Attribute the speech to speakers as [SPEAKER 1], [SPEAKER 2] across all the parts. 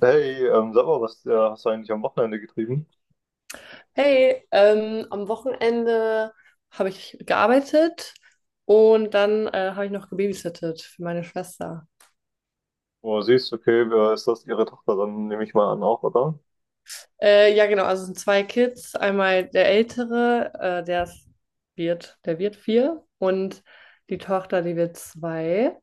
[SPEAKER 1] Hey, sag mal, was hast du eigentlich am Wochenende getrieben?
[SPEAKER 2] Hey, am Wochenende habe ich gearbeitet und dann habe ich noch gebabysittet für meine Schwester.
[SPEAKER 1] Oh, siehst, okay, wer ist das? Ihre Tochter, dann nehme ich mal an auch, oder?
[SPEAKER 2] Ja, genau, also es sind zwei Kids. Einmal der Ältere, äh, der ist, der wird vier und die Tochter, die wird zwei.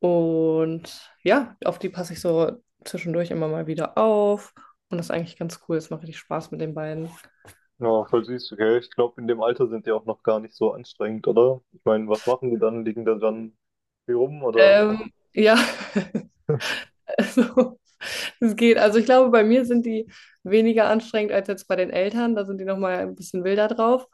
[SPEAKER 2] Und ja, auf die passe ich so zwischendurch immer mal wieder auf. Und das ist eigentlich ganz cool. Es macht richtig Spaß mit den beiden.
[SPEAKER 1] Ja, voll süß, okay. Ich glaube, in dem Alter sind die auch noch gar nicht so anstrengend, oder? Ich meine, was machen die dann? Liegen da dann hier rum, oder?
[SPEAKER 2] Ja, also. Es geht. Also ich glaube, bei mir sind die weniger anstrengend als jetzt bei den Eltern. Da sind die nochmal ein bisschen wilder drauf.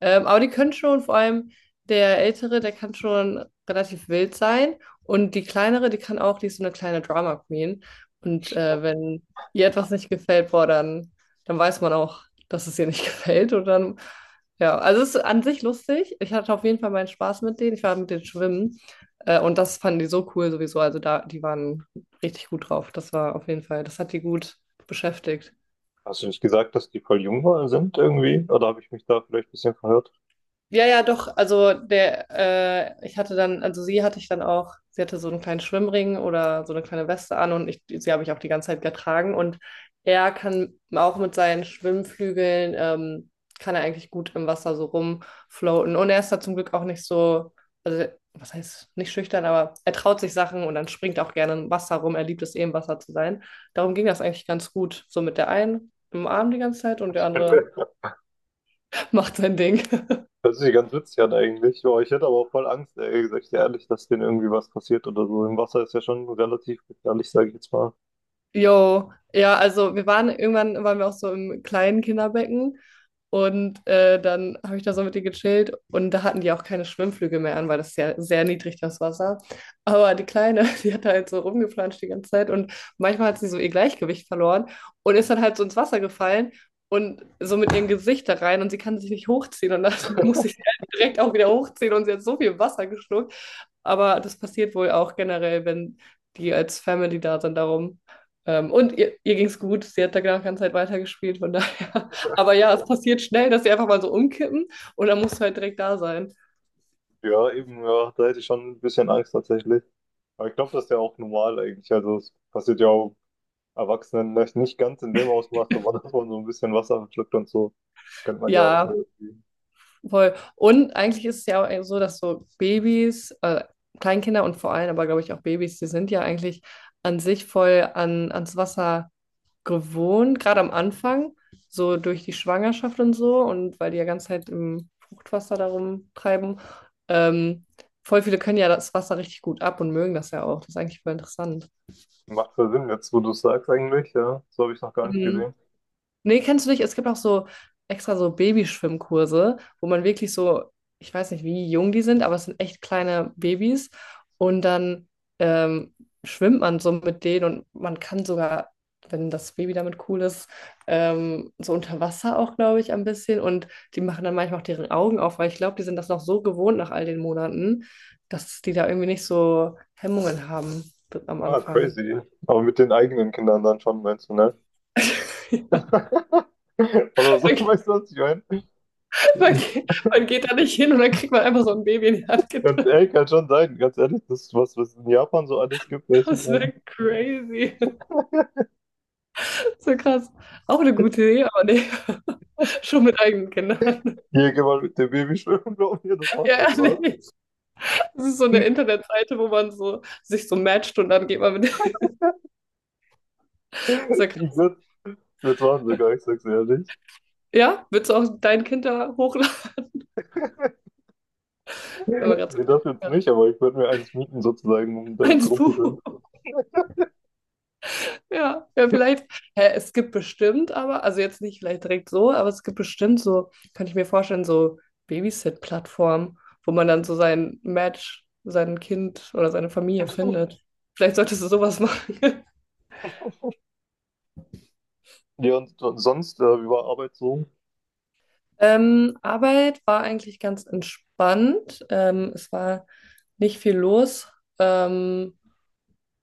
[SPEAKER 2] Aber die können schon, vor allem der Ältere, der kann schon relativ wild sein. Und die Kleinere, die kann auch, die ist so eine kleine Drama Queen. Und wenn ihr etwas nicht gefällt, boah, dann weiß man auch, dass es ihr nicht gefällt. Und dann, ja, also es ist an sich lustig. Ich hatte auf jeden Fall meinen Spaß mit denen. Ich war mit denen schwimmen. Und das fanden die so cool sowieso. Also da, die waren richtig gut drauf. Das war auf jeden Fall, das hat die gut beschäftigt.
[SPEAKER 1] Hast du nicht gesagt, dass die voll sind irgendwie? Oder habe ich mich da vielleicht ein bisschen verhört?
[SPEAKER 2] Ja, ja, doch. Also ich hatte dann, also sie hatte ich dann auch, sie hatte so einen kleinen Schwimmring oder so eine kleine Weste an und ich, sie habe ich auch die ganze Zeit getragen. Und er kann auch mit seinen Schwimmflügeln, kann er eigentlich gut im Wasser so rumfloaten. Und er ist da zum Glück auch nicht so, also was heißt nicht schüchtern, aber er traut sich Sachen und dann springt er auch gerne im Wasser rum. Er liebt es eh im Wasser zu sein. Darum ging das eigentlich ganz gut. So mit der einen im Arm die ganze Zeit und der andere macht sein Ding.
[SPEAKER 1] Das ist ja ganz witzig an eigentlich. Boah, ich hätte aber auch voll Angst, ehrlich gesagt, ehrlich, dass denen irgendwie was passiert oder so. Im Wasser ist ja schon relativ gefährlich, sage ich jetzt mal.
[SPEAKER 2] Jo, ja, also wir waren irgendwann waren wir auch so im kleinen Kinderbecken und dann habe ich da so mit denen gechillt und da hatten die auch keine Schwimmflügel mehr an, weil das ist ja sehr niedrig das Wasser. Aber die Kleine, die hat da halt so rumgeplanscht die ganze Zeit und manchmal hat sie so ihr Gleichgewicht verloren und ist dann halt so ins Wasser gefallen und so mit ihrem Gesicht da rein und sie kann sich nicht hochziehen und dann muss ich sie halt direkt auch wieder hochziehen und sie hat so viel Wasser geschluckt. Aber das passiert wohl auch generell, wenn die als Family da sind, darum. Und ihr ging es gut, sie hat da genau die ganze Zeit weitergespielt, von daher. Aber ja, es passiert schnell, dass sie einfach mal so umkippen und dann musst du halt direkt da sein.
[SPEAKER 1] Ja, eben, ja, da hätte ich schon ein bisschen Angst tatsächlich. Aber ich glaube, das ist ja auch normal eigentlich. Also es passiert ja auch Erwachsenen vielleicht nicht ganz in dem Ausmaß, aber dass man so ein bisschen Wasser verschluckt und so, kennt man ja auch so
[SPEAKER 2] Ja,
[SPEAKER 1] irgendwie.
[SPEAKER 2] voll. Und eigentlich ist es ja auch so, dass so Babys, Kleinkinder und vor allem aber, glaube ich, auch Babys, die sind ja eigentlich an sich voll ans Wasser gewohnt, gerade am Anfang, so durch die Schwangerschaft und so und weil die ja ganze Zeit im Fruchtwasser darum treiben. Ähm, Voll viele können ja das Wasser richtig gut ab und mögen das ja auch. Das ist eigentlich voll interessant.
[SPEAKER 1] Macht voll Sinn jetzt, wo du es sagst eigentlich, ja. So habe ich es noch gar nicht
[SPEAKER 2] Mhm.
[SPEAKER 1] gesehen.
[SPEAKER 2] Nee, kennst du nicht? Es gibt auch so extra so Babyschwimmkurse, wo man wirklich so, ich weiß nicht, wie jung die sind, aber es sind echt kleine Babys. Und dann ähm, schwimmt man so mit denen und man kann sogar, wenn das Baby damit cool ist, so unter Wasser auch, glaube ich, ein bisschen. Und die machen dann manchmal auch deren Augen auf, weil ich glaube, die sind das noch so gewohnt nach all den Monaten, dass die da irgendwie nicht so Hemmungen haben am
[SPEAKER 1] Ah,
[SPEAKER 2] Anfang.
[SPEAKER 1] crazy. Aber mit den eigenen Kindern dann schon, meinst du, ne? Oder so,
[SPEAKER 2] Ja,
[SPEAKER 1] weißt du, was ich meine?
[SPEAKER 2] Man geht, man geht da nicht hin und dann kriegt man einfach so ein Baby in die Hand
[SPEAKER 1] Ganz
[SPEAKER 2] gedrückt.
[SPEAKER 1] ehrlich, kann schon sein, ganz ehrlich, das ist was, was es in Japan so alles gibt, weiß ich
[SPEAKER 2] Das
[SPEAKER 1] nicht.
[SPEAKER 2] wäre crazy. So krass. Auch eine gute Idee, aber nee, schon mit eigenen Kindern.
[SPEAKER 1] Hier, geh mal mit dem Baby schwimmen, glaub mir, das macht voll
[SPEAKER 2] Ja, ja,
[SPEAKER 1] Spaß.
[SPEAKER 2] nee. Das ist so eine Internetseite, wo man so sich so matcht und dann geht man mit. Das ist ja
[SPEAKER 1] Ich
[SPEAKER 2] krass.
[SPEAKER 1] würde würd's machen sogar, ich sag's ehrlich.
[SPEAKER 2] Ja, willst du auch dein Kind da hochladen? Wenn man gerade so
[SPEAKER 1] Nee,
[SPEAKER 2] ein Kind
[SPEAKER 1] das jetzt
[SPEAKER 2] hat.
[SPEAKER 1] nicht, aber ich würde mir eins mieten sozusagen, um damit
[SPEAKER 2] Eins Buch.
[SPEAKER 1] rumzuschwimmen.
[SPEAKER 2] Ja, ja, vielleicht, hä, es gibt bestimmt aber, also jetzt nicht vielleicht direkt so, aber es gibt bestimmt so, kann ich mir vorstellen, so Babysit-Plattformen, wo man dann so sein Match, sein Kind oder seine Familie findet. Vielleicht solltest du sowas machen.
[SPEAKER 1] Ja, und sonst, über Arbeit so,
[SPEAKER 2] Arbeit war eigentlich ganz entspannt. Es war nicht viel los ähm,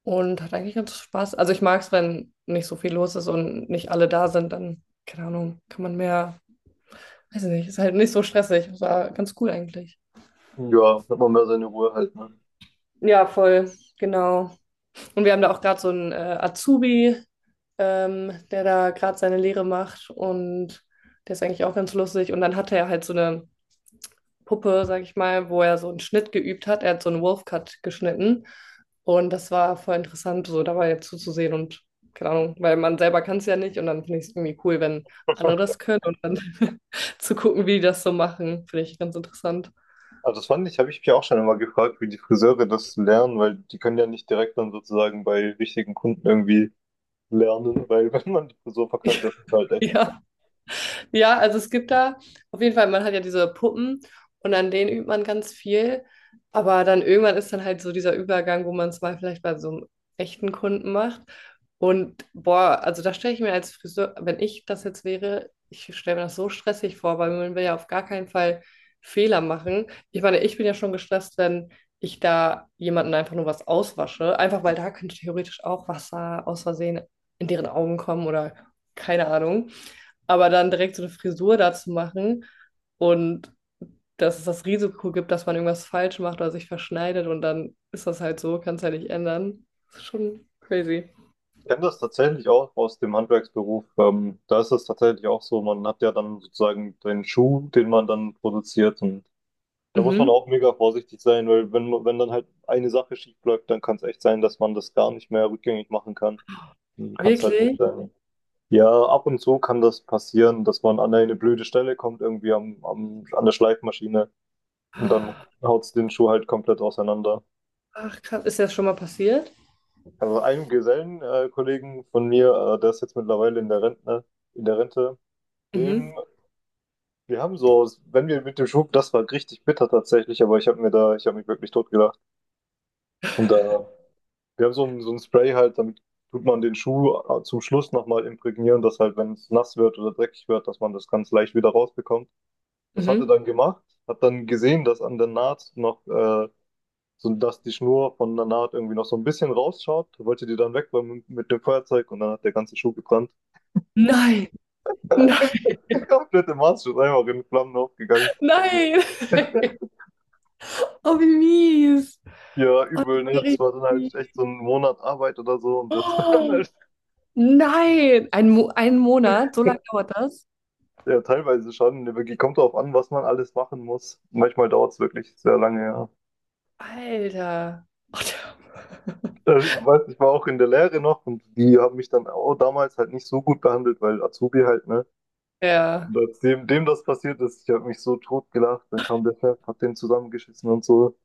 [SPEAKER 2] und hat eigentlich ganz Spaß. Also ich mag es, wenn nicht so viel los ist und nicht alle da sind, dann, keine Ahnung, kann man mehr weiß ich nicht, ist halt nicht so stressig. Das war ganz cool eigentlich.
[SPEAKER 1] ja, hat man mehr seine Ruhe halt, ne?
[SPEAKER 2] Ja, voll, genau. Und wir haben da auch gerade so einen Azubi, der da gerade seine Lehre macht und der ist eigentlich auch ganz lustig. Und dann hatte er halt so eine Puppe, sag ich mal, wo er so einen Schnitt geübt hat. Er hat so einen Wolfcut geschnitten und das war voll interessant, so dabei jetzt zuzusehen und keine Ahnung, weil man selber kann es ja nicht und dann finde ich es irgendwie cool, wenn andere das können und dann zu gucken, wie die das so machen, finde ich ganz interessant.
[SPEAKER 1] Also das fand ich, habe ich mich auch schon immer gefragt, wie die Friseure das lernen, weil die können ja nicht direkt dann sozusagen bei richtigen Kunden irgendwie lernen, weil wenn man die Frisur verkackt, das ist halt echt.
[SPEAKER 2] Ja. Ja, also es gibt da auf jeden Fall, man hat ja diese Puppen und an denen übt man ganz viel. Aber dann irgendwann ist dann halt so dieser Übergang, wo man es mal vielleicht bei so einem echten Kunden macht. Und boah, also da stelle ich mir als Friseur, wenn ich das jetzt wäre, ich stelle mir das so stressig vor, weil man will ja auf gar keinen Fall Fehler machen. Ich meine, ich bin ja schon gestresst, wenn ich da jemanden einfach nur was auswasche, einfach weil da könnte theoretisch auch Wasser aus Versehen in deren Augen kommen oder keine Ahnung. Aber dann direkt so eine Frisur dazu machen und dass es das Risiko gibt, dass man irgendwas falsch macht oder sich verschneidet und dann ist das halt so, kann es ja nicht ändern. Das ist schon crazy.
[SPEAKER 1] Ich kenne das tatsächlich auch aus dem Handwerksberuf. Da ist es tatsächlich auch so, man hat ja dann sozusagen den Schuh, den man dann produziert und da muss man
[SPEAKER 2] Mhm.
[SPEAKER 1] auch mega vorsichtig sein, weil wenn dann halt eine Sache schief läuft, dann kann es echt sein, dass man das gar nicht mehr rückgängig machen kann. Hm. Kann es halt echt
[SPEAKER 2] Wirklich?
[SPEAKER 1] sein. Ja, ab und zu kann das passieren, dass man an eine blöde Stelle kommt, irgendwie an der Schleifmaschine und dann haut es den Schuh halt komplett auseinander.
[SPEAKER 2] Ach, krass. Ist dir das schon mal passiert?
[SPEAKER 1] Also einem Gesellenkollegen Kollegen von mir, der ist jetzt mittlerweile in der Rente,
[SPEAKER 2] Mhm.
[SPEAKER 1] dem, wir haben so, wenn wir mit dem Schuh, das war richtig bitter tatsächlich, aber ich habe mir da, ich habe mich wirklich totgelacht. Und da wir haben so ein Spray halt, damit tut man den Schuh zum Schluss nochmal imprägnieren, dass halt, wenn es nass wird oder dreckig wird, dass man das ganz leicht wieder rausbekommt. Das hat er
[SPEAKER 2] Mhm.
[SPEAKER 1] dann gemacht, hat dann gesehen, dass an der Naht noch, so, dass die Schnur von der Naht irgendwie noch so ein bisschen rausschaut, wollte die dann wegräumen mit dem Feuerzeug und dann hat der ganze Schuh gebrannt.
[SPEAKER 2] Nein. Nein.
[SPEAKER 1] Komplette Maß ist einfach in Flammen aufgegangen.
[SPEAKER 2] Nein. Oh, wie mies.
[SPEAKER 1] Ja,
[SPEAKER 2] Oh, das
[SPEAKER 1] übel,
[SPEAKER 2] ist
[SPEAKER 1] ne?
[SPEAKER 2] ja
[SPEAKER 1] Das
[SPEAKER 2] richtig
[SPEAKER 1] war dann halt echt so
[SPEAKER 2] mies.
[SPEAKER 1] ein Monat Arbeit oder so und das dann
[SPEAKER 2] Oh,
[SPEAKER 1] halt
[SPEAKER 2] nein. Ein Monat? So lange dauert das?
[SPEAKER 1] ja, teilweise schon. Wirklich kommt drauf an, was man alles machen muss. Manchmal dauert es wirklich sehr lange, ja.
[SPEAKER 2] Alter. Oh,
[SPEAKER 1] Also ich weiß, ich war auch in der Lehre noch und die haben mich dann auch damals halt nicht so gut behandelt, weil Azubi halt, ne? Und
[SPEAKER 2] ja.
[SPEAKER 1] als dem das passiert ist, ich habe mich so tot gelacht, dann kam der Chef, hat den zusammengeschissen und so.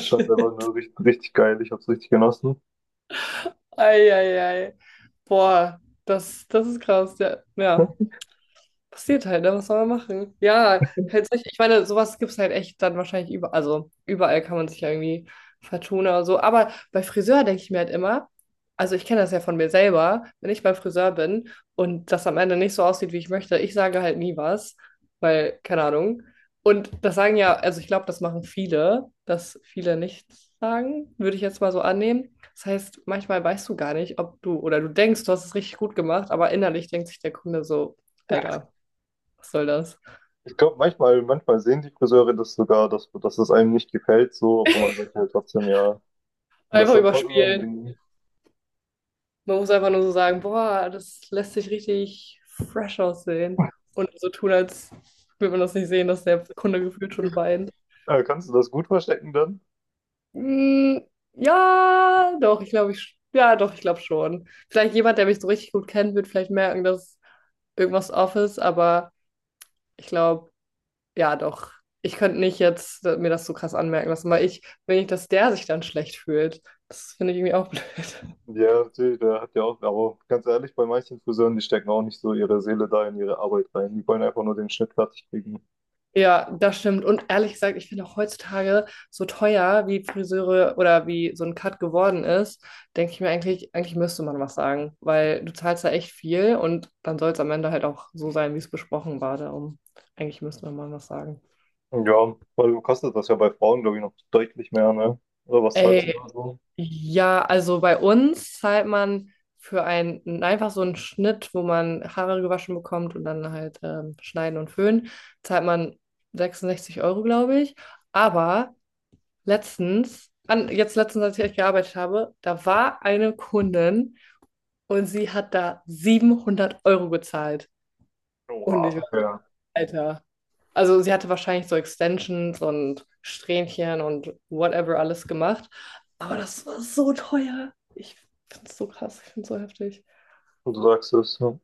[SPEAKER 1] Ich fand's einfach nur richtig geil, ich hab's richtig genossen.
[SPEAKER 2] Eieiei. Boah, das ist krass. Ja, ja. Passiert halt, ne? Was soll man machen? Ja, halt solche, ich meine, sowas gibt es halt echt dann wahrscheinlich überall. Also überall kann man sich ja irgendwie vertun oder so. Aber bei Friseur denke ich mir halt immer, also ich kenne das ja von mir selber, wenn ich beim Friseur bin und das am Ende nicht so aussieht, wie ich möchte, ich sage halt nie was, weil, keine Ahnung. Und das sagen ja, also ich glaube, das machen viele, dass viele nichts sagen, würde ich jetzt mal so annehmen. Das heißt, manchmal weißt du gar nicht, ob du oder du denkst, du hast es richtig gut gemacht, aber innerlich denkt sich der Kunde so, Alter. Was soll das?
[SPEAKER 1] Ich glaube, manchmal sehen die Friseure das sogar, dass es einem nicht gefällt, so, aber man sagt halt trotzdem ja. Und das ist
[SPEAKER 2] Einfach
[SPEAKER 1] dann voll
[SPEAKER 2] überspielen.
[SPEAKER 1] unangenehm.
[SPEAKER 2] Man muss einfach nur so sagen, boah, das lässt sich richtig fresh aussehen. Und so tun, als würde man das nicht sehen, dass der Kunde gefühlt schon weint.
[SPEAKER 1] Kannst du das gut verstecken dann?
[SPEAKER 2] Mm, ja, doch, ich glaube, ja, doch, ich glaube schon. Vielleicht jemand, der mich so richtig gut kennt, wird vielleicht merken, dass irgendwas off ist, aber ich glaube, ja, doch. Ich könnte nicht jetzt mir das so krass anmerken lassen, weil ich will nicht, dass der sich dann schlecht fühlt. Das finde ich irgendwie auch blöd.
[SPEAKER 1] Ja, natürlich, der hat ja auch, aber ganz ehrlich, bei manchen Friseuren, die stecken auch nicht so ihre Seele da in ihre Arbeit rein. Die wollen einfach nur den Schnitt fertig kriegen.
[SPEAKER 2] Ja, das stimmt. Und ehrlich gesagt, ich finde auch heutzutage so teuer, wie Friseure oder wie so ein Cut geworden ist, denke ich mir eigentlich müsste man was sagen, weil du zahlst da echt viel und dann soll es am Ende halt auch so sein, wie es besprochen war. Darum, eigentlich müsste man mal was sagen.
[SPEAKER 1] Ja, weil kostet das ja bei Frauen, glaube ich, noch deutlich mehr, ne? Oder was zahlst du
[SPEAKER 2] Ey,
[SPEAKER 1] da so?
[SPEAKER 2] ja, also bei uns zahlt man für einen einfach so einen Schnitt, wo man Haare gewaschen bekommt und dann halt schneiden und föhnen, zahlt man 66 Euro, glaube ich. Aber letztens, jetzt letztens, als ich gearbeitet habe, da war eine Kundin und sie hat da 700 € gezahlt. Und ich war,
[SPEAKER 1] Oha,
[SPEAKER 2] so,
[SPEAKER 1] ja.
[SPEAKER 2] Alter. Also sie hatte wahrscheinlich so Extensions und Strähnchen und whatever alles gemacht. Aber das war so teuer. Ich finde es so krass, ich finde es so heftig.
[SPEAKER 1] Und du sagst es, ja.